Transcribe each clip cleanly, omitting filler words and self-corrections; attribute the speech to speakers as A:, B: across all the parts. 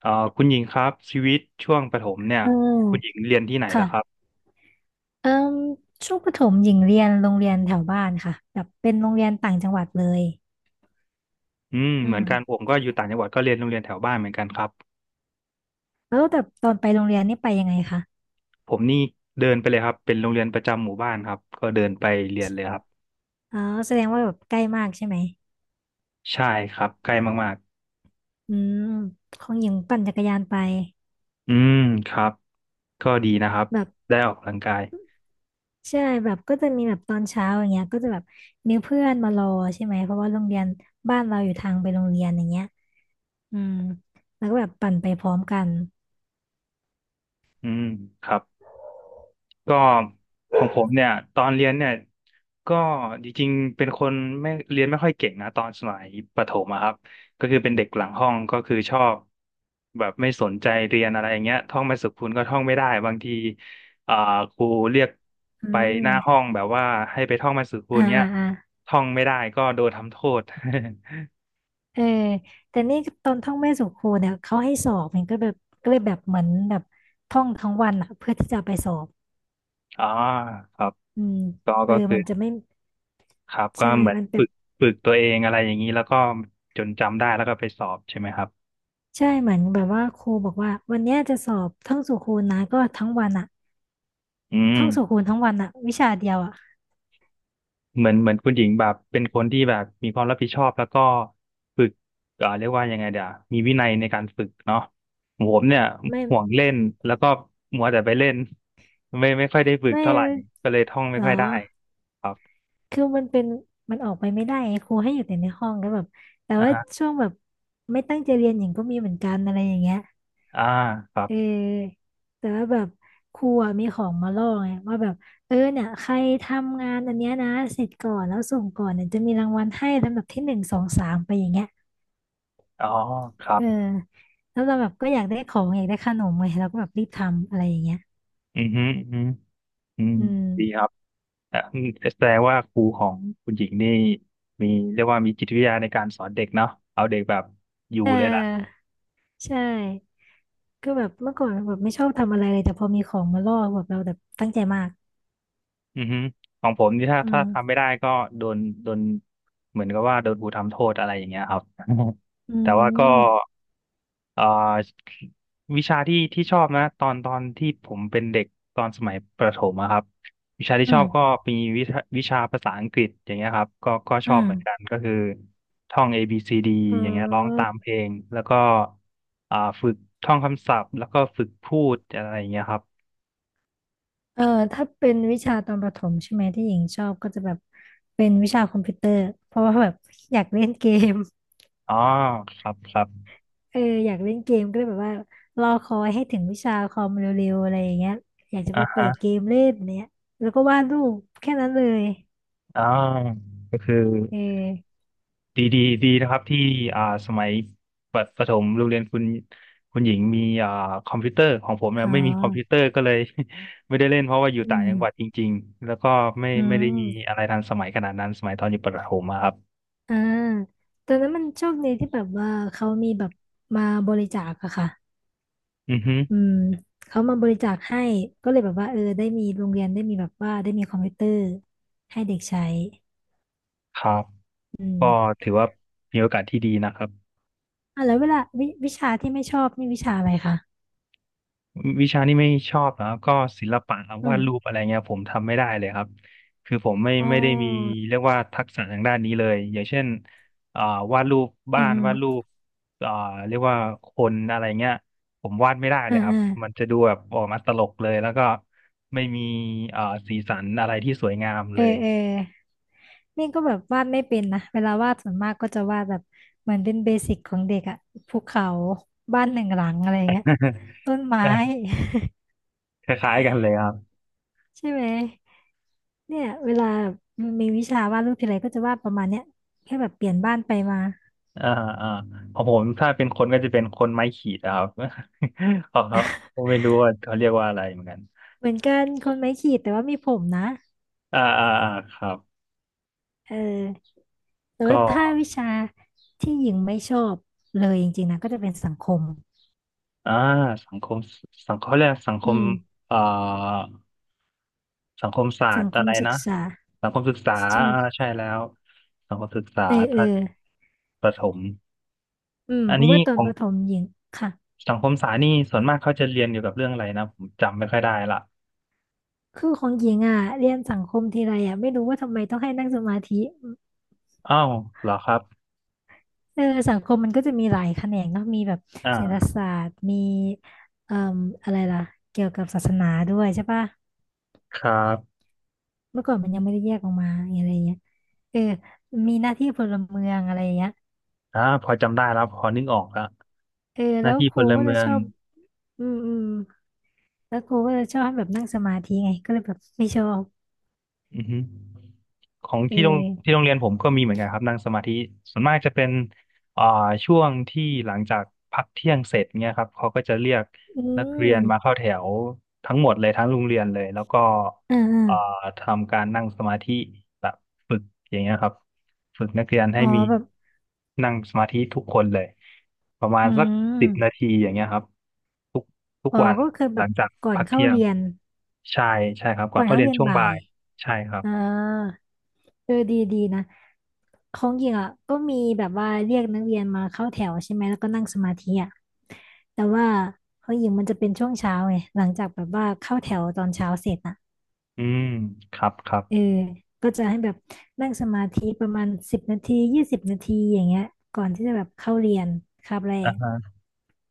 A: เอ่อคุณหญิงครับชีวิตช่วงประถมเนี่ย
B: เอ
A: คุณหญิ
B: อ
A: งเรียนที่ไหนล่ะครับ
B: ค่ะเอ่มช่วงประถมหญิงเรียนโรงเรียนแถวบ้านค่ะแบบเป็นโรงเรียนต่างจังหวัดเลย
A: อืม
B: อื
A: เหมื
B: ม
A: อนกันผมก็อยู่ต่างจังหวัดก็เรียนโรงเรียนแถวบ้านเหมือนกันครับ
B: แล้วแต่ตอนไปโรงเรียนนี่ไปยังไงคะ
A: ผมนี่เดินไปเลยครับเป็นโรงเรียนประจำหมู่บ้านครับก็เดินไปเรียนเลยครับ
B: อ๋อแสดงว่าแบบใกล้มากใช่ไหม
A: ใช่ครับใกล้มาก
B: อืมของหญิงปั่นจักรยานไป
A: ๆอืมครับก็ดีนะครับ
B: แบบ
A: ได้ออกกำลังกาย
B: ใช่แบบก็จะมีแบบตอนเช้าอย่างเงี้ยก็จะแบบมีเพื่อนมารอใช่ไหมเพราะว่าโรงเรียนบ้านเราอยู่ทางไปโรงเรียนอย่างเงี้ยอืมแล้วก็แบบปั่นไปพร้อมกัน
A: อืมครับ ก็ของผมเนี่ยตอนเรียนเนี่ยก็จริงๆเป็นคนไม่เรียนไม่ค่อยเก่งนะตอนสมัยประถมอะครับก็คือเป็นเด็กหลังห้องก็คือชอบแบบไม่สนใจเรียนอะไรอย่างเงี้ยท่องไม่สุขคุณก็ท่องไม่ได้บางทีอ่าครูเรียก
B: อื
A: ไปหน้าห้อ
B: ม
A: งแบบว่าให้ไปท่องมาสุขคุณ
B: อ่า
A: เงี้ย
B: อ่าอ่า
A: ท่องไม่ได้ก็โดนทำโทษ
B: เออแต่นี่ตอนท่องแม่สู่ครูเนี่ยเขาให้สอบมันก็แบบก็เลยแบบเหมือนแบบท่องทั้งวันอะเพื่อที่จะไปสอบ
A: อ๋อครับ
B: อืม
A: ก็
B: เอ
A: ก็
B: อ
A: คือ
B: มันจะไม่
A: ครับก็
B: ใช่
A: เหมือน
B: มันแบ
A: ฝึ
B: บ
A: กฝึกตัวเองอะไรอย่างนี้แล้วก็จนจำได้แล้วก็ไปสอบใช่ไหมครับ
B: ใช่เหมือนแบบว่าครูบอกว่าวันเนี้ยจะสอบท่องสู่ครูนะก็ทั้งวันอะ
A: อืม
B: ท่องสู่ครูทั้งวันอะวิชาเดียวอะ
A: เหมือนคุณหญิงแบบเป็นคนที่แบบมีความรับผิดชอบแล้วก็ฝึกเรียกว่ายังไงเดี๋ยวมีวินัยในการฝึกเนาะผมเนี่ย
B: ไม่
A: ห่วงเล่นแล้วก็มัวแต่ไปเล่นไม่ค่อยได้ฝึก
B: ไม่
A: เท่าไหร่ก็เลยท่อง
B: ห
A: ไม่
B: ร
A: ค่อยได้
B: อ
A: ครับ
B: คือมันเป็นมันออกไปไม่ได้ไงครูให้อยู่แต่ในห้องแล้วแบบแต่
A: อ่า
B: ว่า
A: ฮะ
B: ช่วงแบบไม่ตั้งใจเรียนหญิงก็มีเหมือนกันอะไรอย่างเงี้ย
A: อ่าครั
B: เอ
A: บ
B: อแต่ว่าแบบครูอะมีของมาล่อไงว่าแบบเออเนี่ยใครทำงานอันเนี้ยนะเสร็จก่อนแล้วส่งก่อนเนี่ยจะมีรางวัลให้ลำดับที่หนึ่งสองสามไปอย่างเงี้ย
A: อ๋อครั
B: เออ
A: บ
B: แล้วเราแบบก็อยากได้ของอยากได้ขนมไงเราก็แบบรีบทำอะไรอย่างเงี้ย
A: อือฮึอือฮึอืม
B: อืม
A: ดีครับอ่ะแสดงว่าครูของคุณหญิงนี่มีเรียกว่ามีจิตวิทยาในการสอนเด็กเนาะเอาเด็กแบบอยู่
B: เ
A: เลยล่ะ
B: ออใช่ก็แบบเมื่อก่อนแบบไม่ชอบทำอะไรเลยแต่พอมีของมาล่อแบบเราแบบตั้งใจมาก
A: อือฮึของผมนี่ถ้า
B: อื
A: ถ้า
B: ม
A: ทำไม่ได้ก็โดนโดนเหมือนกับว่าโดนครูทำโทษอะไรอย่างเงี้ยครับ
B: อื
A: แต่ว่าก็
B: ม
A: เอ่อวิชาที่ชอบนะตอนที่ผมเป็นเด็กตอนสมัยประถมอะครับวิชาที่ช
B: อื
A: อ
B: ม
A: บก็มีวิชาภาษาอังกฤษอย่างเงี้ยครับก็ช
B: อื
A: อบ
B: ม
A: เหมือนกันก็คือท่อง A B C D
B: อ๋
A: อย่างเงี้ยร้องตามเพ
B: อ
A: ลงแล้วก็ฝึกท่องคำศัพท์แล้วก็ฝึกพูดอะไรอย่างเงี้ยครับ
B: เออถ้าเป็นวิชาตอนประถมใช่ไหมที่หญิงชอบก็จะแบบเป็นวิชาคอมพิวเตอร์เพราะว่าแบบอยากเล่นเกม
A: อ๋อครับครับ
B: เอออยากเล่นเกมก็เลยแบบว่ารอคอยให้ถึงวิชาคอมเร็วๆอะไรอย่างเงี้ยอยากจะ
A: อ่
B: ไปเปิ
A: า
B: ดเกมเล่นเนี้ยแล้วก็วาดรูปแค่นั้นเลย
A: อ่าก็คือ
B: เออ
A: ดีนะครับที่สมัยประถมโรงเรียนคุณหญิงมีคอมพิวเตอร์ของผมเนี่
B: อ๋
A: ยไม่มีคอมพิวเตอ
B: อ
A: ร์ก็เลย ไม่ได้เล่นเพราะว่าอยู่
B: อื
A: ต่าง
B: ม
A: จังหวัดจริงๆแล้วก็ไม่
B: อื
A: ไม่
B: ม
A: ได้มีอะไรทันสมัยขนาดนั้นสมัยตอนอยู่ประถมอะครับ
B: อ่าตอนนั้นมันโชคดีที่แบบว่าเขามีแบบมาบริจาคอะค่ะ
A: อือฮึ
B: อืมเขามาบริจาคให้ก็เลยแบบว่าเออได้มีโรงเรียนได้มีแบบว่าได้มีคอมพิวเตอร์ให้เด็กใช้
A: ครับ
B: อืม
A: ก็ถือว่ามีโอกาสที่ดีนะครับ
B: อ่ะแล้วเวลาวิวิชาที่ไม่ชอบนี่วิชาอะไรคะ
A: วิชานี้ไม่ชอบนะครับก็ศิลปะครับ
B: อื
A: วา
B: ม
A: ดรูปอะไรเงี้ยผมทำไม่ได้เลยครับคือผมไม่
B: อ๋
A: ไม่ได้มี
B: อ
A: เรียกว่าทักษะทางด้านนี้เลยอย่างเช่นอ่าวาดรูป
B: อื
A: บ้านวาดรู
B: ม
A: ปอ่าเรียกว่าคนอะไรเงี้ยผมวาดไม่ได้เล
B: อื
A: ย
B: ม
A: ครับ
B: อ่า
A: มัน
B: อ่า
A: จะดูแบบออกมาตลกเลยแล้วก็ไม่มีอ่าสีสันอะไรที่สวยงาม
B: เอ
A: เล
B: อ
A: ย
B: เออนี่ก็แบบวาดไม่เป็นนะ เวลาวาดส่วนมากก็จะวาดแบบเหมือนเป็นเบสิกของเด็กอะภูเขาบ้านหนึ่งหลังอะไรเงี้ย ต้นไม้
A: คล้ายๆกันเลยครับ
B: ใช่ไหมเนี่ยเวลามีวิชาวาดรูปทีไรก็จะวาดประมาณเนี้ยแค่แบบเปลี่ยนบ้านไปมา
A: อ่าอ่าของผมถ้าเป็นคนก็จะเป็นคนไม้ขีดอะครับ ของเขาผมไม่รู้ว่าเขาเรียกว่าอะไรเหมือนกัน
B: เหมือนกันคนไม้ขีดแต่ว่ามีผมนะ
A: อ่าอ่าอ่าครับ
B: เออแต่ว่า
A: ก็
B: ถ้าวิชาที่หญิงไม่ชอบเลยจริงๆนะก็จะเป็นสังคม
A: อ่าสังคมสังคมแรยกสังค
B: อื
A: ม
B: ม
A: เอ่อสังคมศาสต
B: สัง
A: ร์
B: ค
A: อะ
B: ม
A: ไร
B: ศึก
A: นะ
B: ษา
A: สังคมศึกษา
B: ใช่ไหม
A: อ่าใช่แล้วสังคมศึกษา
B: เออเออ
A: ท่านประถม
B: อืม
A: อัน
B: เพราะ
A: นี้
B: ว่าตอ
A: ข
B: น
A: อง
B: ประถมหญิงค่ะ
A: สังคมศาสตร์นี่ส่วนมากเขาจะเรียนเกี่ยวกับเรื่องอะไรนะผมจำไม่ค่อยได้ละ
B: คือของหญิงอ่ะเรียนสังคมทีไรอ่ะไม่รู้ว่าทำไมต้องให้นั่งสมาธิ
A: อ้าวเหรอครับ
B: เออสังคมมันก็จะมีหลายแขนงเนาะมีแบบเศรษฐ
A: อ่า
B: ศาสตร์มีเอ่ออะไรล่ะเกี่ยวกับศาสนาด้วยใช่ปะ
A: ครับ
B: เมื่อก่อนมันยังไม่ได้แยกออกมาอะไรเงี้ยเออมีหน้าที่พลเมืองอะไรเงี้ย
A: พอจำได้แล้วพอนึกออกละ
B: เออ
A: ห
B: แล้
A: น้า
B: ว
A: ที่
B: ค
A: พ
B: รู
A: ล
B: ก็จะ
A: เมือ
B: ช
A: ง
B: อบอืมอืมแล้วครูก็จะชอบให้แบบนั่งสมาธิไงก็เลยแบบไม่ชอบ
A: อือฮึของ
B: เอ
A: ที่โรง
B: อ
A: ที่โรงเรียนผมก็มีเหมือนกันครับนั่งสมาธิส่วนมากจะเป็นอ่าช่วงที่หลังจากพักเที่ยงเสร็จเนี่ยครับเขาก็จะเรียก
B: อื
A: นักเรี
B: ม
A: ยนมาเข้าแถวทั้งหมดเลยทั้งโรงเรียนเลยแล้วก็
B: อ่าอา
A: อ่าทำการนั่งสมาธิแบบฝึกอย่างเงี้ยครับฝึกนักเรียนให้
B: อ๋อ
A: มี
B: แบบ
A: นั่งสมาธิทุกคนเลยประมาณ
B: อื
A: สักสิบนา
B: ม
A: ทีอย่างเงี้ยครับทุกทุก
B: อ๋อ
A: วัน
B: ก็คือแบ
A: หลั
B: บ
A: งจาก
B: ก่อน
A: พัก
B: เข้า
A: เที่ยง
B: เรียน
A: ใช่ใช่ครับก่อ
B: ก่อ
A: น
B: น
A: เข้า
B: เข้า
A: เรียน
B: เรียน
A: ช่วง
B: บ่า
A: บ่า
B: ย
A: ย ใช่ครับ
B: อ่าเออดีดีนะของหญิงอ่ะก็มีแบบว่าเรียกนักเรียนมาเข้าแถวใช่ไหมแล้วก็นั่งสมาธิอ่ะแต่ว่าของหญิงมันจะเป็นช่วงเช้าไงหลังจากแบบว่าเข้าแถวตอนเช้าเสร็จอ่ะ
A: อืมครับครับ
B: เออก็จะให้แบบนั่งสมาธิประมาณสิบนาที20 นาทีอย่างเงี้ยก่อนที่จะแบบเข้าเรียนคาบแร
A: อ่า
B: ก
A: ฮะ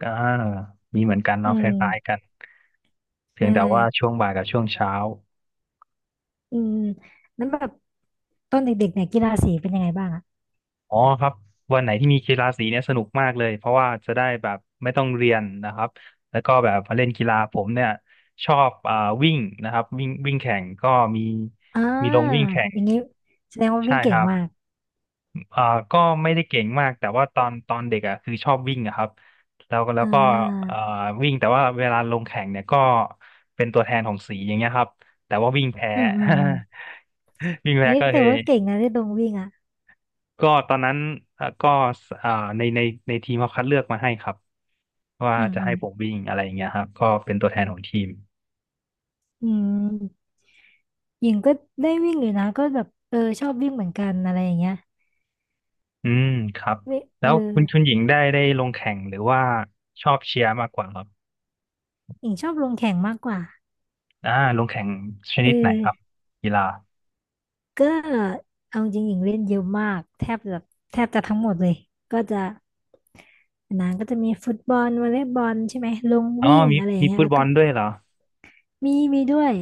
A: อ่ามีเหมือนกัน
B: อื
A: เนาะคล้ายๆ
B: ม
A: กัน
B: ใช
A: เพียงแต่ว่า
B: ่
A: ช่วงบ่ายกับช่วงเช้า
B: อืมแล้วแบบตอนเด็กๆเนี่ยกีฬาสีเป็นยังไงบ้างอ่ะ
A: อ๋อครับ วันไหนที่มีกีฬาสีเนี่ยสนุกมากเลย เพราะว่าจะได้แบบไม่ต้องเรียนนะครับ แล้วก็แบบมาเล่นกีฬาผมเนี่ยชอบวิ่งนะครับ วิ่งวิ่งแข่งก็มี
B: อ่า
A: มีลงวิ่งแข่ง
B: อย่างงี้แสดงว่า
A: ใช่
B: วิ่ง
A: ค
B: เก่ง
A: รับ
B: มาก
A: อ่าก็ไม่ได้เก่งมากแต่ว่าตอนเด็กอ่ะคือชอบวิ่งอะครับแล้วก็แล้ว
B: อ่
A: ก็
B: า
A: อ่าวิ่งแต่ว่าเวลาลงแข่งเนี่ยก็เป็นตัวแทนของสีอย่างเงี้ยครับแต่ว่าวิ่งแพ้
B: อืมอืมอืม
A: วิ่งแพ้
B: เฮ้ย
A: ก็เล
B: แต่
A: ย
B: ว่าเก่งนะที่ตรงวิ่งอ่ะ
A: ก็ตอนนั้นก็อ่าในในในทีมเขาคัดเลือกมาให้ครับว่า
B: อืม
A: จะ
B: อื
A: ให้
B: ม
A: ผมวิ่งอะไรอย่างเงี้ยครับก็เป็นตัวแทนของทีม
B: อืมหญิงก็ได้วิ่งอยู่นะก็แบบเออชอบวิ่งเหมือนกันอะไรอย่างเงี้ย
A: อืมครับ
B: เวเอ
A: แล้
B: อ
A: วคุณชุนหญิงได้ลงแข่งหรือว่าชอบเชียร์มากกว่าครับ
B: หญิงชอบลงแข่งมากกว่า
A: อ่าลงแข่งช
B: เอ
A: นิดไหนครับ
B: อ
A: กีฬา
B: ก็เอาจริงหญิงเล่นเยอะมาก แทบจะแทบจะทั้งหมดเลย ก็จะนานก็จะมีฟุตบอลวอลเลย์บอลใช่ไหม ลง
A: อ๋อ
B: วิ่ง
A: มี
B: อะไรอย่าง
A: มี
B: เงี้ย
A: ฟุต
B: แล้ว
A: บอ
B: ก็
A: ลด้วยเหรอ
B: มีด้วย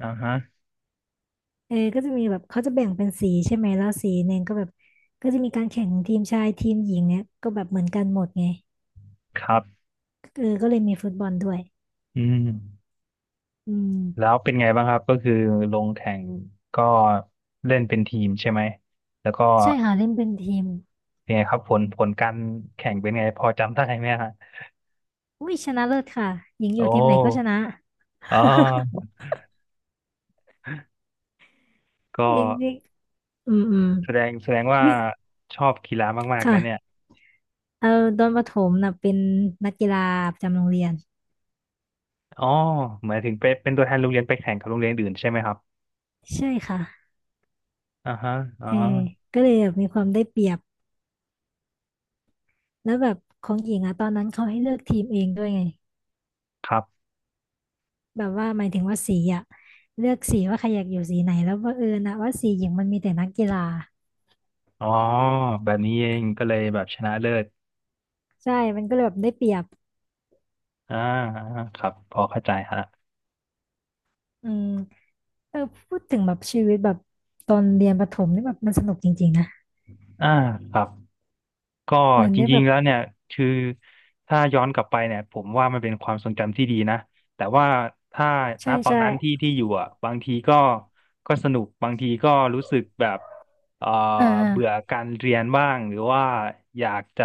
A: อ่าฮะ
B: เออก็จะมีแบบเขาจะแบ่งเป็นสีใช่ไหมแล้วสีหนึ่งก็แบบก็จะมีการแข่งทีมชายทีมหญิงเนี่ยก็แบบเหมือนกันหมดไง
A: ครับ
B: เออก็เลยมีฟุตบอลด้วย
A: อืม
B: อืม
A: แล้วเป็นไงบ้างครับ ก็คือลงแข่งก็เล่นเป็นทีมใช่ไหม แล้วก็
B: ใช่ค่ะเล่นเป็นทีม
A: เป็นไงครับผลการแข่งเป็นไงพอจำได้ไหมฮะ
B: อุ้ยชนะเลิศค่ะหญิงอ
A: โอ
B: ยู่ทีมไหนก็ช
A: ้
B: นะ
A: อ๋อก็
B: เอกเอกอืมอืม
A: แสดงว่า
B: วิ
A: ชอบกีฬามากๆนะเนี่ย
B: ค่ะเอาตอนประถมนะเป็นนักกีฬาประจำโรงเรียน
A: อ๋อหมายถึงเป็นตัวแทนโรงเรียนไปแข่งกับโรงเรียนอื่นใช่ไหมครับ
B: ใช่ค่ะ
A: อ่าฮะอ๋อ
B: เออก็เลยแบบมีความได้เปรียบแล้วแบบของหญิงอะตอนนั้นเขาให้เลือกทีมเองด้วยไง
A: ครับ
B: แบบว่าหมายถึงว่าสีอะเลือกสีว่าใครอยากอยู่สีไหนแล้วบังเอิญนะว่าสีหญิงมันมีแต่นักกีฬา
A: อ๋อแบบนี้เองก็เลยแบบชนะเลิศ
B: ใช่มันก็เลยแบบได้เปรียบ
A: อ่าอ่าครับพอเข้าใจฮะ
B: อืมเออพูดถึงแบบชีวิตแบบตอนเรียนประถมนี่แบบมันสนุกจริงๆนะ
A: อ่าครับก็
B: เหมือน
A: จ
B: ได้
A: ริ
B: แบ
A: ง
B: บ
A: ๆแล้วเนี่ยคือถ้าย้อนกลับไปเนี่ยผมว่ามันเป็นความทรงจำที่ดีนะแต่ว่าถ้าณ
B: ใช่
A: ตอน
B: ใช่
A: นั้นที่อยู่อ่ะบางทีก็ก็สนุกบางทีก็รู้สึกแบบเอ่อ
B: เออเออ
A: เบื่อการเรียนบ้างหรือว่าอยากจะ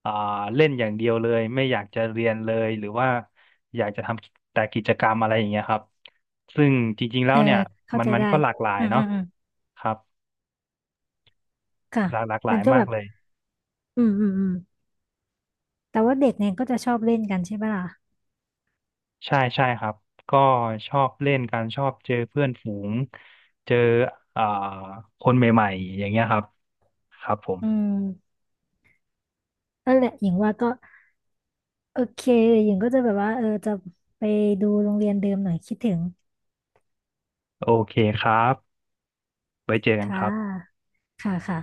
A: เอ่อเล่นอย่างเดียวเลยไม่อยากจะเรียนเลยหรือว่าอยากจะทำแต่กิจกรรมอะไรอย่างเงี้ยครับซึ่งจริงๆแล้
B: เอ
A: ว
B: อ
A: เนี่ย
B: เข้า
A: มัน
B: ใจ
A: มัน
B: ได้
A: ก็หลากหลาย
B: อืมอื
A: เนาะ
B: มอืม
A: ครับ
B: ค่ะ
A: หลากหลากหลา
B: มั
A: ย
B: นก็
A: มา
B: แบ
A: ก
B: บ
A: เลย
B: อืมอืมอืมแต่ว่าเด็กเนี่ยก็จะชอบเล่นกันใช่ปะล่ะ
A: ใช่ใช่ครับก็ชอบเล่นกันชอบเจอเพื่อนฝูงเจออ่าคนใหม่ๆอย่างเงี้ยครับครับผม
B: อืมนั่นแหละหญิงว่าก็โอเคหญิงก็จะแบบว่าเออจะไปดูโรงเรียนเดิมหน่อยคิดถึง
A: โอเคครับไว้เจอกัน
B: ค่
A: ครับ
B: ะค่ะค่ะ